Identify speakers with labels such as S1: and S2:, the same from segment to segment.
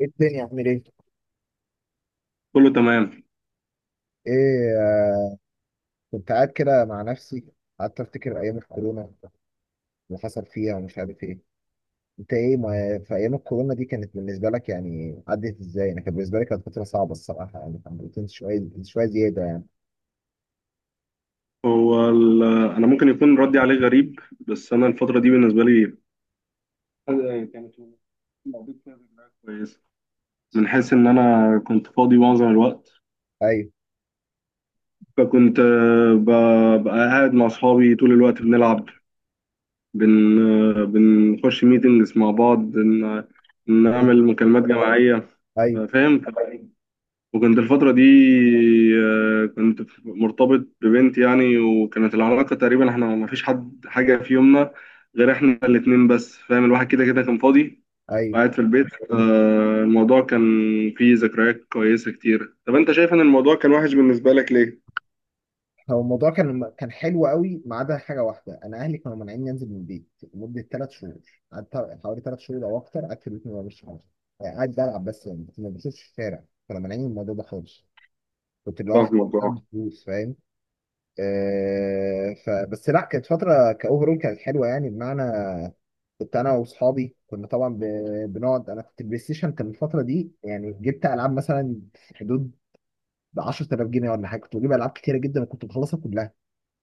S1: ايه الدنيا عامل ايه؟
S2: كله تمام.
S1: ايه كنت قاعد كده مع نفسي. قعدت افتكر ايام الكورونا اللي حصل فيها ومش عارف ايه. انت ايه، ما في ايام الكورونا دي كانت بالنسبه لك، يعني عدت ازاي؟ انا كانت بالنسبه لي كانت فتره صعبه الصراحه، يعني كان بروتين شويه شويه زياده يعني.
S2: هو ال- انا ممكن يكون ردي عليه غريب، بس انا الفتره دي بالنسبه لي كانت مقضيت فيها ذكريات كويسه، من حيث ان انا كنت فاضي معظم الوقت.
S1: ايوه،
S2: فكنت ببقى قاعد مع اصحابي طول الوقت بنلعب بن آه، بنخش ميتنجز مع بعض
S1: ايوه،
S2: نعمل مكالمات جماعيه.
S1: ايوه،
S2: فاهم. وكنت الفترة دي مرتبط ببنت يعني، وكانت العلاقة تقريبا احنا ما فيش حد حاجة في يومنا غير احنا الاتنين بس. فاهم، الواحد كده كده كان فاضي
S1: ايوه.
S2: وقاعد في البيت. الموضوع كان فيه ذكريات كويسة كتير. طب انت شايف ان الموضوع كان وحش بالنسبة لك ليه؟
S1: هو الموضوع كان حلو قوي ما عدا حاجه واحده، انا اهلي كانوا مانعيني انزل من البيت لمده ثلاث شهور. قعدت حوالي ثلاث شهور او اكتر قعدت في البيت ما بعملش حاجه، يعني قاعد بلعب بس، يعني ما بشوفش الشارع، كانوا مانعيني من الموضوع ده خالص. كنت لوحدي
S2: فاهمك. اه.
S1: بعمل فلوس، فاهم؟ آه، فبس لا، كانت فتره كاوفرول كانت حلوه، يعني بمعنى كنت انا واصحابي كنا طبعا بنقعد. انا كنت البلاي ستيشن كان الفتره دي، يعني جبت العاب مثلا في حدود 10,000 جنيه ولا حاجه، كنت بجيب العاب كتيره جدا وكنت بخلصها كلها.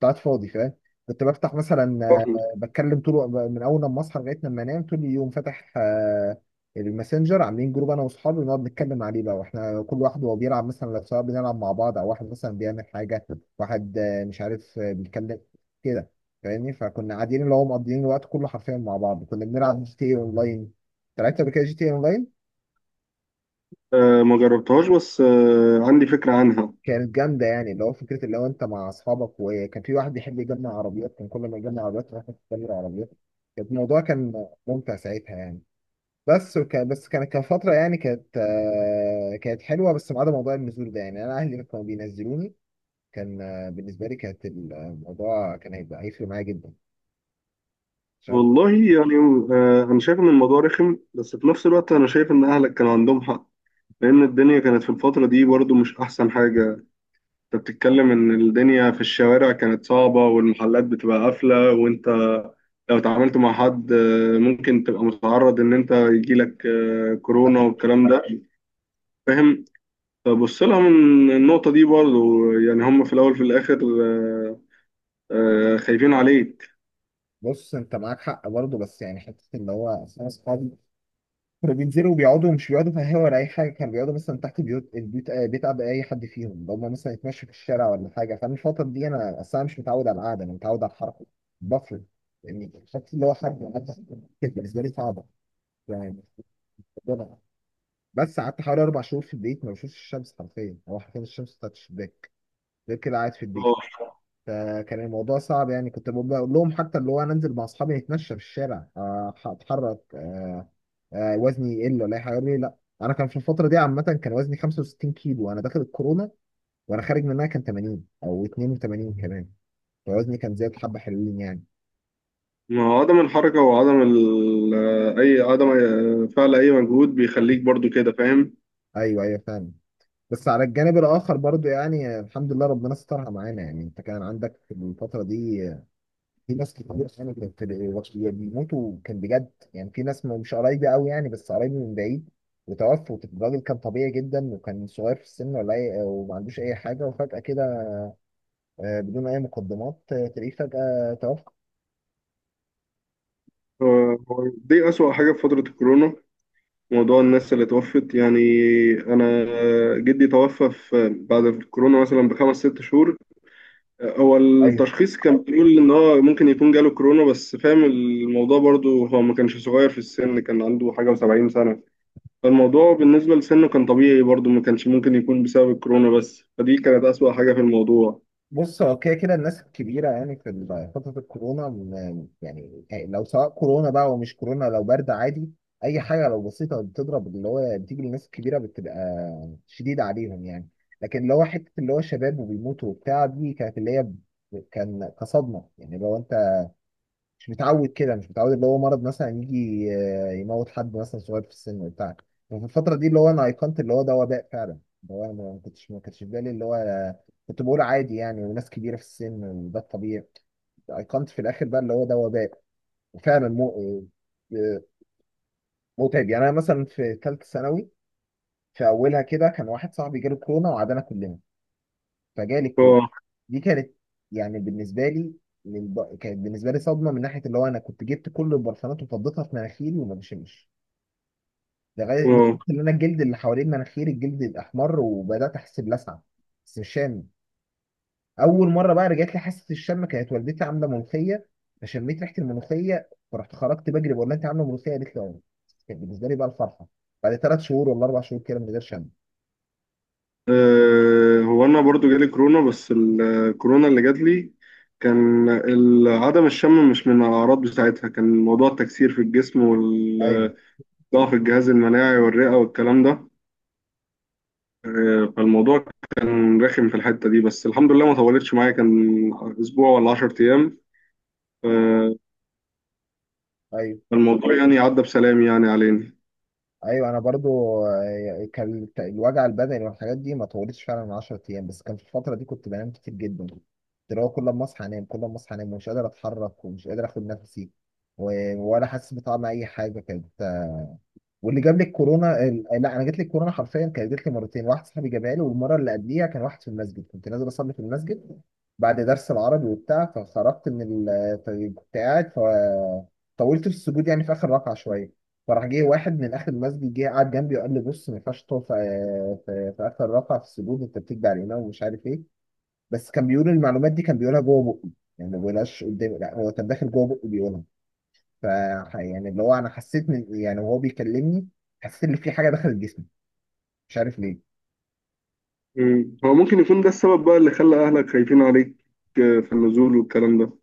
S1: قاعد فاضي، فاهم؟ كنت بفتح مثلا،
S2: فاهمك.
S1: بتكلم طول من اول لما اصحى لغايه لما انام، طول اليوم فاتح الماسنجر. عاملين جروب انا واصحابي بنقعد نتكلم عليه بقى، واحنا كل واحد وهو بيلعب، مثلا لو سواء بنلعب مع بعض او واحد مثلا بيعمل حاجه. واحد مش عارف، بيتكلم كده، فاهمني؟ فكنا قاعدين اللي هو مقضيين الوقت كله حرفيا مع بعض. كنا بنلعب جي تي اي اونلاين. لعبت قبل كده جي تي اي اونلاين؟
S2: ما جربتهاش، بس عندي فكرة عنها.
S1: كانت جامده يعني، اللي هو فكره اللي هو انت مع اصحابك، وكان في واحد بيحب يجمع عربيات، كان كل ما يجمع عربيات راح يشتري عربيات. كان الموضوع كان ممتع ساعتها يعني. بس، وكان بس كانت كان فتره، يعني كانت كانت حلوه بس ما عدا موضوع النزول ده، يعني انا اهلي كانوا بينزلوني. كان بالنسبه لي كانت الموضوع كان هيبقى هيفرق معايا جدا عشان.
S2: والله يعني، انا شايف ان الموضوع رخم، بس في نفس الوقت انا شايف ان اهلك كان عندهم حق، لأن الدنيا كانت في الفترة دي برضو مش أحسن حاجة. أنت بتتكلم إن الدنيا في الشوارع كانت صعبة والمحلات بتبقى قافلة، وأنت لو اتعاملت مع حد ممكن تبقى متعرض إن أنت يجيلك كورونا والكلام ده. فاهم. فبص لها من النقطة دي برضو، يعني هم في الأول في الآخر آه، خايفين عليك.
S1: بص انت معاك حق برضه، بس يعني حته اللي هو أصل انا اصحابي كانوا بينزلوا وبيقعدوا، مش بيقعدوا في القهوة ولا أي حاجة، كانوا بيقعدوا مثلا تحت بيوت البيوت، بيت أب أي حد فيهم، لو هما مثلا يتمشوا في الشارع ولا حاجة. فأنا الفترة دي أنا أصلا مش متعود على القعدة، أنا متعود على الحركة. بفرق يعني. الشكل اللي هو كانت بالنسبة لي صعبة يعني. بس قعدت حوالي أربع شهور في البيت ما بشوفش الشمس حرفيا، هو حرفيا الشمس بتاعت الشباك غير كده قاعد في
S2: آه،
S1: البيت. فكان الموضوع صعب يعني، كنت بقول لهم حتى اللي هو أنا أنزل مع أصحابي نتمشى في الشارع، أتحرك، وزني يقل ولا اي حاجه. قال لي لا. انا كان في الفتره دي عامه كان وزني 65 كيلو وانا داخل الكورونا، وانا خارج منها كان 80 او 82 كمان. فوزني كان زاد حبه حلوين يعني.
S2: ما هو عدم الحركة وعدم أي عدم فعل أي مجهود بيخليك برضو كده، فاهم.
S1: ايوه ايوه، فاهم. بس على الجانب الاخر برضو يعني، الحمد لله ربنا سترها معانا يعني. انت كان عندك في الفتره دي في ناس كتير يعني كانت بيموتوا، كان بجد يعني. في ناس مش قرايبي قوي يعني، بس قرايبي من بعيد، وتوفوا. الراجل كان طبيعي جدا وكان صغير في السن ولا اي، وما عندوش اي حاجه، وفجاه كده بدون اي مقدمات، تلاقيه فجأة توفى.
S2: آه، دي أسوأ حاجة في فترة الكورونا، موضوع الناس اللي توفت يعني. انا جدي توفى في بعد الكورونا مثلا بخمس ست شهور. هو
S1: ايوه.
S2: التشخيص كان بيقول ان هو ممكن يكون جاله كورونا، بس فاهم الموضوع برضو، هو ما كانش صغير في السن، كان عنده حاجة و70 سنة. فالموضوع بالنسبة لسنه كان طبيعي برضو، ما كانش ممكن يكون بسبب الكورونا بس. فدي كانت أسوأ حاجة في الموضوع.
S1: بص، هو كده كده الناس الكبيرة يعني في فترة الكورونا يعني لو سواء كورونا بقى ومش كورونا، لو برد عادي، أي حاجة لو بسيطة بتضرب اللي هو بتيجي للناس الكبيرة بتبقى شديدة عليهم يعني. لكن اللي هو حتة اللي هو شباب وبيموتوا وبتاع، دي كانت اللي هي كان كصدمة يعني. لو أنت مش متعود كده، مش متعود اللي هو مرض مثلا يجي، يموت حد مثلا صغير في السن وبتاع. وفي الفترة دي اللي هو أنا أيقنت اللي هو ده وباء فعلا، اللي هو أنا ما كنتش ما كانش في بالي اللي هو، كنت بقول عادي يعني، وناس كبيرة في السن وده الطبيعي. أيقنت في الآخر بقى اللي هو ده وباء. وفعلا آه، متعب يعني. أنا مثلا في ثالثة ثانوي، في أولها كده، كان واحد صاحبي جاله كورونا وعدنا كلنا فجالي كورونا.
S2: اه.
S1: دي كانت، يعني بالنسبه لي، كانت بالنسبه لي صدمه، من ناحيه اللي هو انا كنت جبت كل البرفانات وفضيتها في مناخيري وما بشمش، لغايه لدرجه
S2: آه.
S1: ان انا الجلد اللي حوالين مناخيري الجلد الاحمر وبدات احس بلسعه، بس مش شامم. اول مره بقى رجعت لي حاسه الشم كانت والدتي عامله ملوخيه، فشميت ريحه الملوخيه، فرحت خرجت بجري بقول لها انت عامله ملوخيه؟ قالت لي اه. كانت بالنسبه لي بقى الفرحه بعد ثلاث شهور ولا اربع شهور كده من غير شم.
S2: هو انا برضو جالي كورونا، بس الكورونا اللي جات لي كان عدم الشم مش من الاعراض بتاعتها، كان موضوع التكسير في الجسم
S1: ايوه
S2: والضعف، الجهاز المناعي والرئة والكلام ده. فالموضوع كان رخم في الحتة دي، بس الحمد لله ما طولتش معايا، كان اسبوع ولا 10 ايام. آه،
S1: ايوه.
S2: فالموضوع يعني عدى بسلام يعني علينا.
S1: ايوه انا برضو، كان الوجع البدني والحاجات دي ما طولتش فعلا من 10 ايام. بس كان في الفتره دي كنت بنام كتير جدا، كنت اللي هو كل ما اصحى انام، كل ما اصحى انام، ومش قادر اتحرك ومش قادر اخد نفسي ولا حاسس بطعم اي حاجه كده. واللي جاب لي الكورونا لا، انا جات لي الكورونا حرفيا كانت جات لي مرتين. واحد صاحبي جابها لي، والمره اللي قبليها كان واحد في المسجد. كنت نازل اصلي في المسجد بعد درس العربي وبتاع، فخرجت من فكنت قاعد، فطولت في السجود يعني في اخر ركعه شويه. فراح جه واحد من اخر المسجد، جه قعد جنبي وقال لي بص ما ينفعش تقف في اخر ركعه في السجود، انت بتكبر علينا ومش عارف ايه. بس كان بيقول المعلومات دي كان بيقولها جوه بقي، يعني ما بيقولهاش قدامي، لا هو كان داخل جوه بقي بيقولها. ف يعني اللي هو انا حسيت من، يعني وهو بيكلمني حسيت ان في حاجه دخلت جسمي، مش عارف ليه.
S2: مم. هو ممكن يكون ده السبب بقى اللي خلى اهلك خايفين عليك في النزول والكلام ده.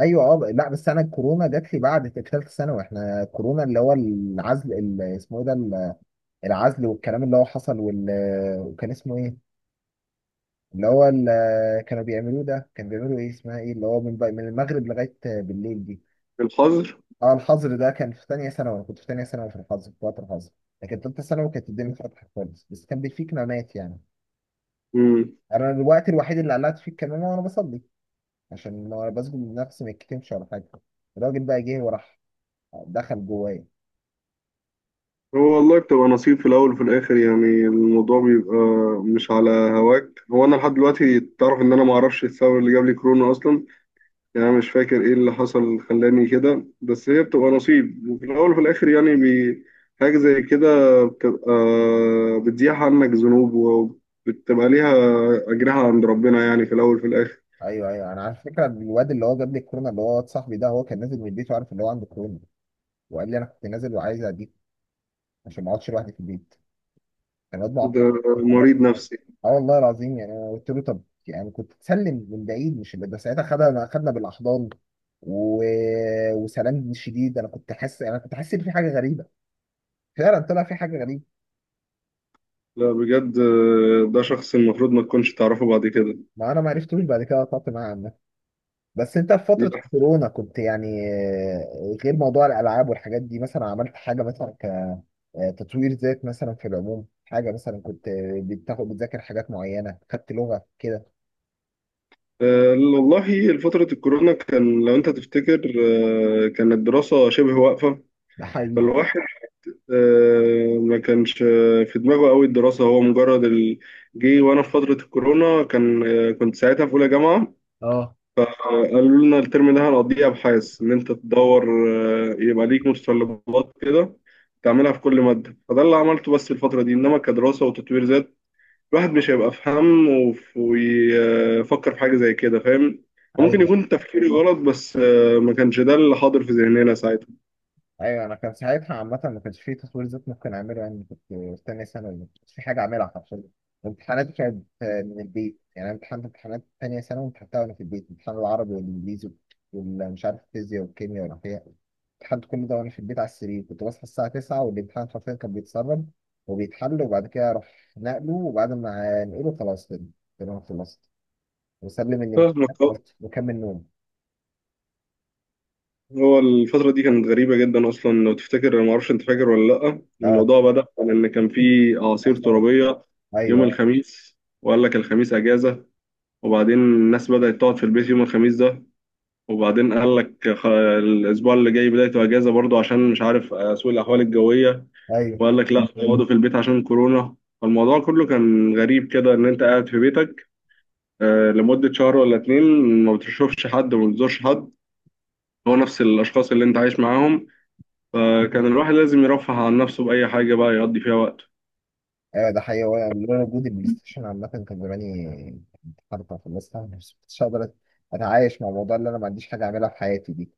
S1: ايوه. اه لا، بس انا الكورونا جات لي بعد ثالثه ثانوي. احنا الكورونا اللي هو العزل اللي اسمه ايه ده، العزل والكلام اللي هو حصل وكان اسمه ايه اللي هو اللي كانوا بيعملوه ده، كان بيعملوا ايه اسمها ايه، اللي هو من المغرب لغايه بالليل دي.
S2: الحظر.
S1: اه الحظر، ده كان في ثانيه ثانوي. انا كنت في ثانيه ثانوي في الحظر، في وقت الحظر. لكن ثالثه ثانوي كانت الدنيا فتحت خالص، بس كان بيفيك نومات يعني. انا الوقت الوحيد اللي قلعت فيه الكمامه وانا بصلي، عشان لو انا بسجد لنفسي ما يتكتمش ولا حاجه. الراجل بقى جه وراح دخل جوايا.
S2: هو والله بتبقى نصيب في الأول وفي الآخر، يعني الموضوع بيبقى مش على هواك. هو أنا لحد دلوقتي تعرف إن أنا معرفش السبب اللي جاب لي كورونا أصلا، يعني أنا مش فاكر إيه اللي حصل خلاني كده، بس هي بتبقى نصيب وفي الأول وفي الآخر يعني حاجة زي كده، بتبقى بتزيح عنك ذنوب وبتبقى ليها أجرها عند ربنا يعني في الأول وفي الآخر.
S1: ايوه ايوه. انا على فكره الواد اللي هو جاب لي الكورونا، اللي هو واد صاحبي ده، هو كان نازل من البيت وعارف ان هو عنده كورونا، وقال لي انا كنت نازل وعايز اديك عشان ما اقعدش لوحدي في البيت. كان واد
S2: ده
S1: معقد. انت عملت
S2: مريض
S1: إيه؟
S2: نفسي.
S1: اه والله العظيم. يعني انا قلت له طب يعني كنت تسلم من بعيد مش اللي ده، ساعتها خدنا بالاحضان و... وسلام شديد. انا كنت حاسس، انا كنت حاسس ان في حاجه غريبه، فعلا طلع في حاجه غريبه.
S2: لا بجد، ده شخص المفروض ما تكونش تعرفه بعد كده.
S1: ما انا ما عرفتوش بعد كده، قطعت معاه عنه. بس انت في
S2: دي
S1: فترة كورونا كنت يعني، غير موضوع الالعاب والحاجات دي، مثلا عملت حاجة مثلا كتطوير ذات مثلا، في العموم حاجة مثلا كنت بتاخد بتذاكر حاجات معينة، خدت لغة كده؟
S2: أه والله فترة الكورونا، كان لو أنت تفتكر أه كانت الدراسة شبه واقفة.
S1: ده حقيقي.
S2: فالواحد ما كانش في دماغه قوي الدراسة، هو مجرد جه وأنا في فترة الكورونا كان كنت ساعتها في أولى جامعة.
S1: اه.
S2: قالوا لنا الترم ده هنقضيه أبحاث، إن أنت تدور يبقى ليك متطلبات كده تعملها في كل مادة. فده اللي عملته بس الفترة دي. إنما كدراسة وتطوير، الواحد مش هيبقى في هم ويفكر في حاجة زي كده، فاهم. ممكن
S1: ايوه
S2: يكون تفكيري غلط، بس ما كانش ده اللي حاضر في ذهننا ساعتها.
S1: ايوه. انا كان ساعتها عامه ما كانش فيه تطوير ذات ممكن اعمله، يعني كنت في تانية ثانوي ما كانش في حاجه اعملها حرفيا. امتحاناتي كانت من البيت يعني. انا امتحنت امتحانات تانية ثانوي امتحنتها وانا في البيت، امتحان العربي والانجليزي ومش عارف الفيزياء والكيمياء والاحياء، امتحنت كل ده وانا في البيت على السرير. كنت بصحى الساعه 9 والامتحان حرفيا كان بيتسرب وبيتحل، وبعد كده اروح نقله، وبعد ما نقله خلاص كده، كده انا خلصت، واسلم الامتحان
S2: فاهمك. آه.
S1: بس واكمل نوم.
S2: هو الفترة دي كانت غريبة جدا أصلا. لو تفتكر أنا معرفش أنت فاكر ولا لأ،
S1: اه
S2: الموضوع بدأ عن إن كان في أعاصير
S1: حصل.
S2: ترابية يوم
S1: ايوه
S2: الخميس، وقال لك الخميس أجازة، وبعدين الناس بدأت تقعد في البيت يوم الخميس ده، وبعدين قال لك الأسبوع اللي جاي بدايته أجازة برضه عشان مش عارف سوء الأحوال الجوية،
S1: ايوه
S2: وقال لك لا اقعدوا في البيت عشان كورونا. فالموضوع كله كان غريب كده، ان انت قاعد في بيتك لمدة شهر ولا اتنين ما بتشوفش حد وما بتزورش حد، هو نفس الاشخاص اللي انت عايش معاهم. فكان الواحد لازم يرفه عن نفسه بأي حاجة بقى يقضي فيها وقته.
S1: ايوه. ده حقيقي. وانا لولا وجود البلاي ستيشن عامة كان زماني كنت حرفة في الناس، مش كنتش هقدر اتعايش مع الموضوع، اللي انا ما عنديش حاجة اعملها في حياتي دي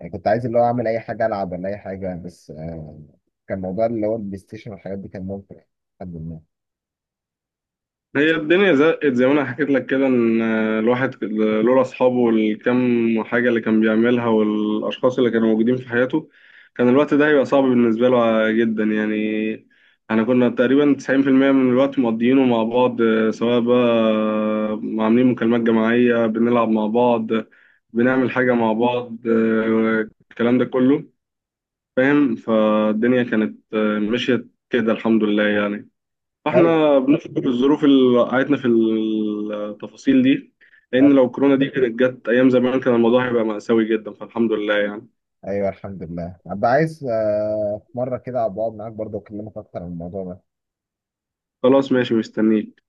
S1: يعني. كنت عايز اللي هو اعمل اي حاجة، العب ولا اي حاجة، بس كان موضوع اللي هو البلاي ستيشن والحاجات دي كان ممتع، الحمد لله.
S2: هي الدنيا زقت زي ما انا حكيت لك كده، ان الواحد لولا اصحابه والكم حاجه اللي كان بيعملها والاشخاص اللي كانوا موجودين في حياته كان الوقت ده هيبقى صعب بالنسبه له جدا يعني. احنا كنا تقريبا 90% من الوقت مقضيينه مع بعض، سواء بقى عاملين مكالمات جماعيه بنلعب مع بعض، بنعمل حاجه مع بعض الكلام ده كله فاهم. فالدنيا كانت مشيت كده، الحمد لله يعني.
S1: ايوه
S2: فاحنا بنفكر في الظروف اللي وقعتنا في التفاصيل دي، لان
S1: ايوه.
S2: لو كورونا دي كانت جت ايام زمان كان الموضوع هيبقى مأساوي جدا، فالحمد لله يعني.
S1: أيوة، الحمد لله. ابقى عايز في مرة كده ابقى اقعد معاك برضه واكلمك اكتر عن الموضوع ده.
S2: خلاص ماشي، مستنيك.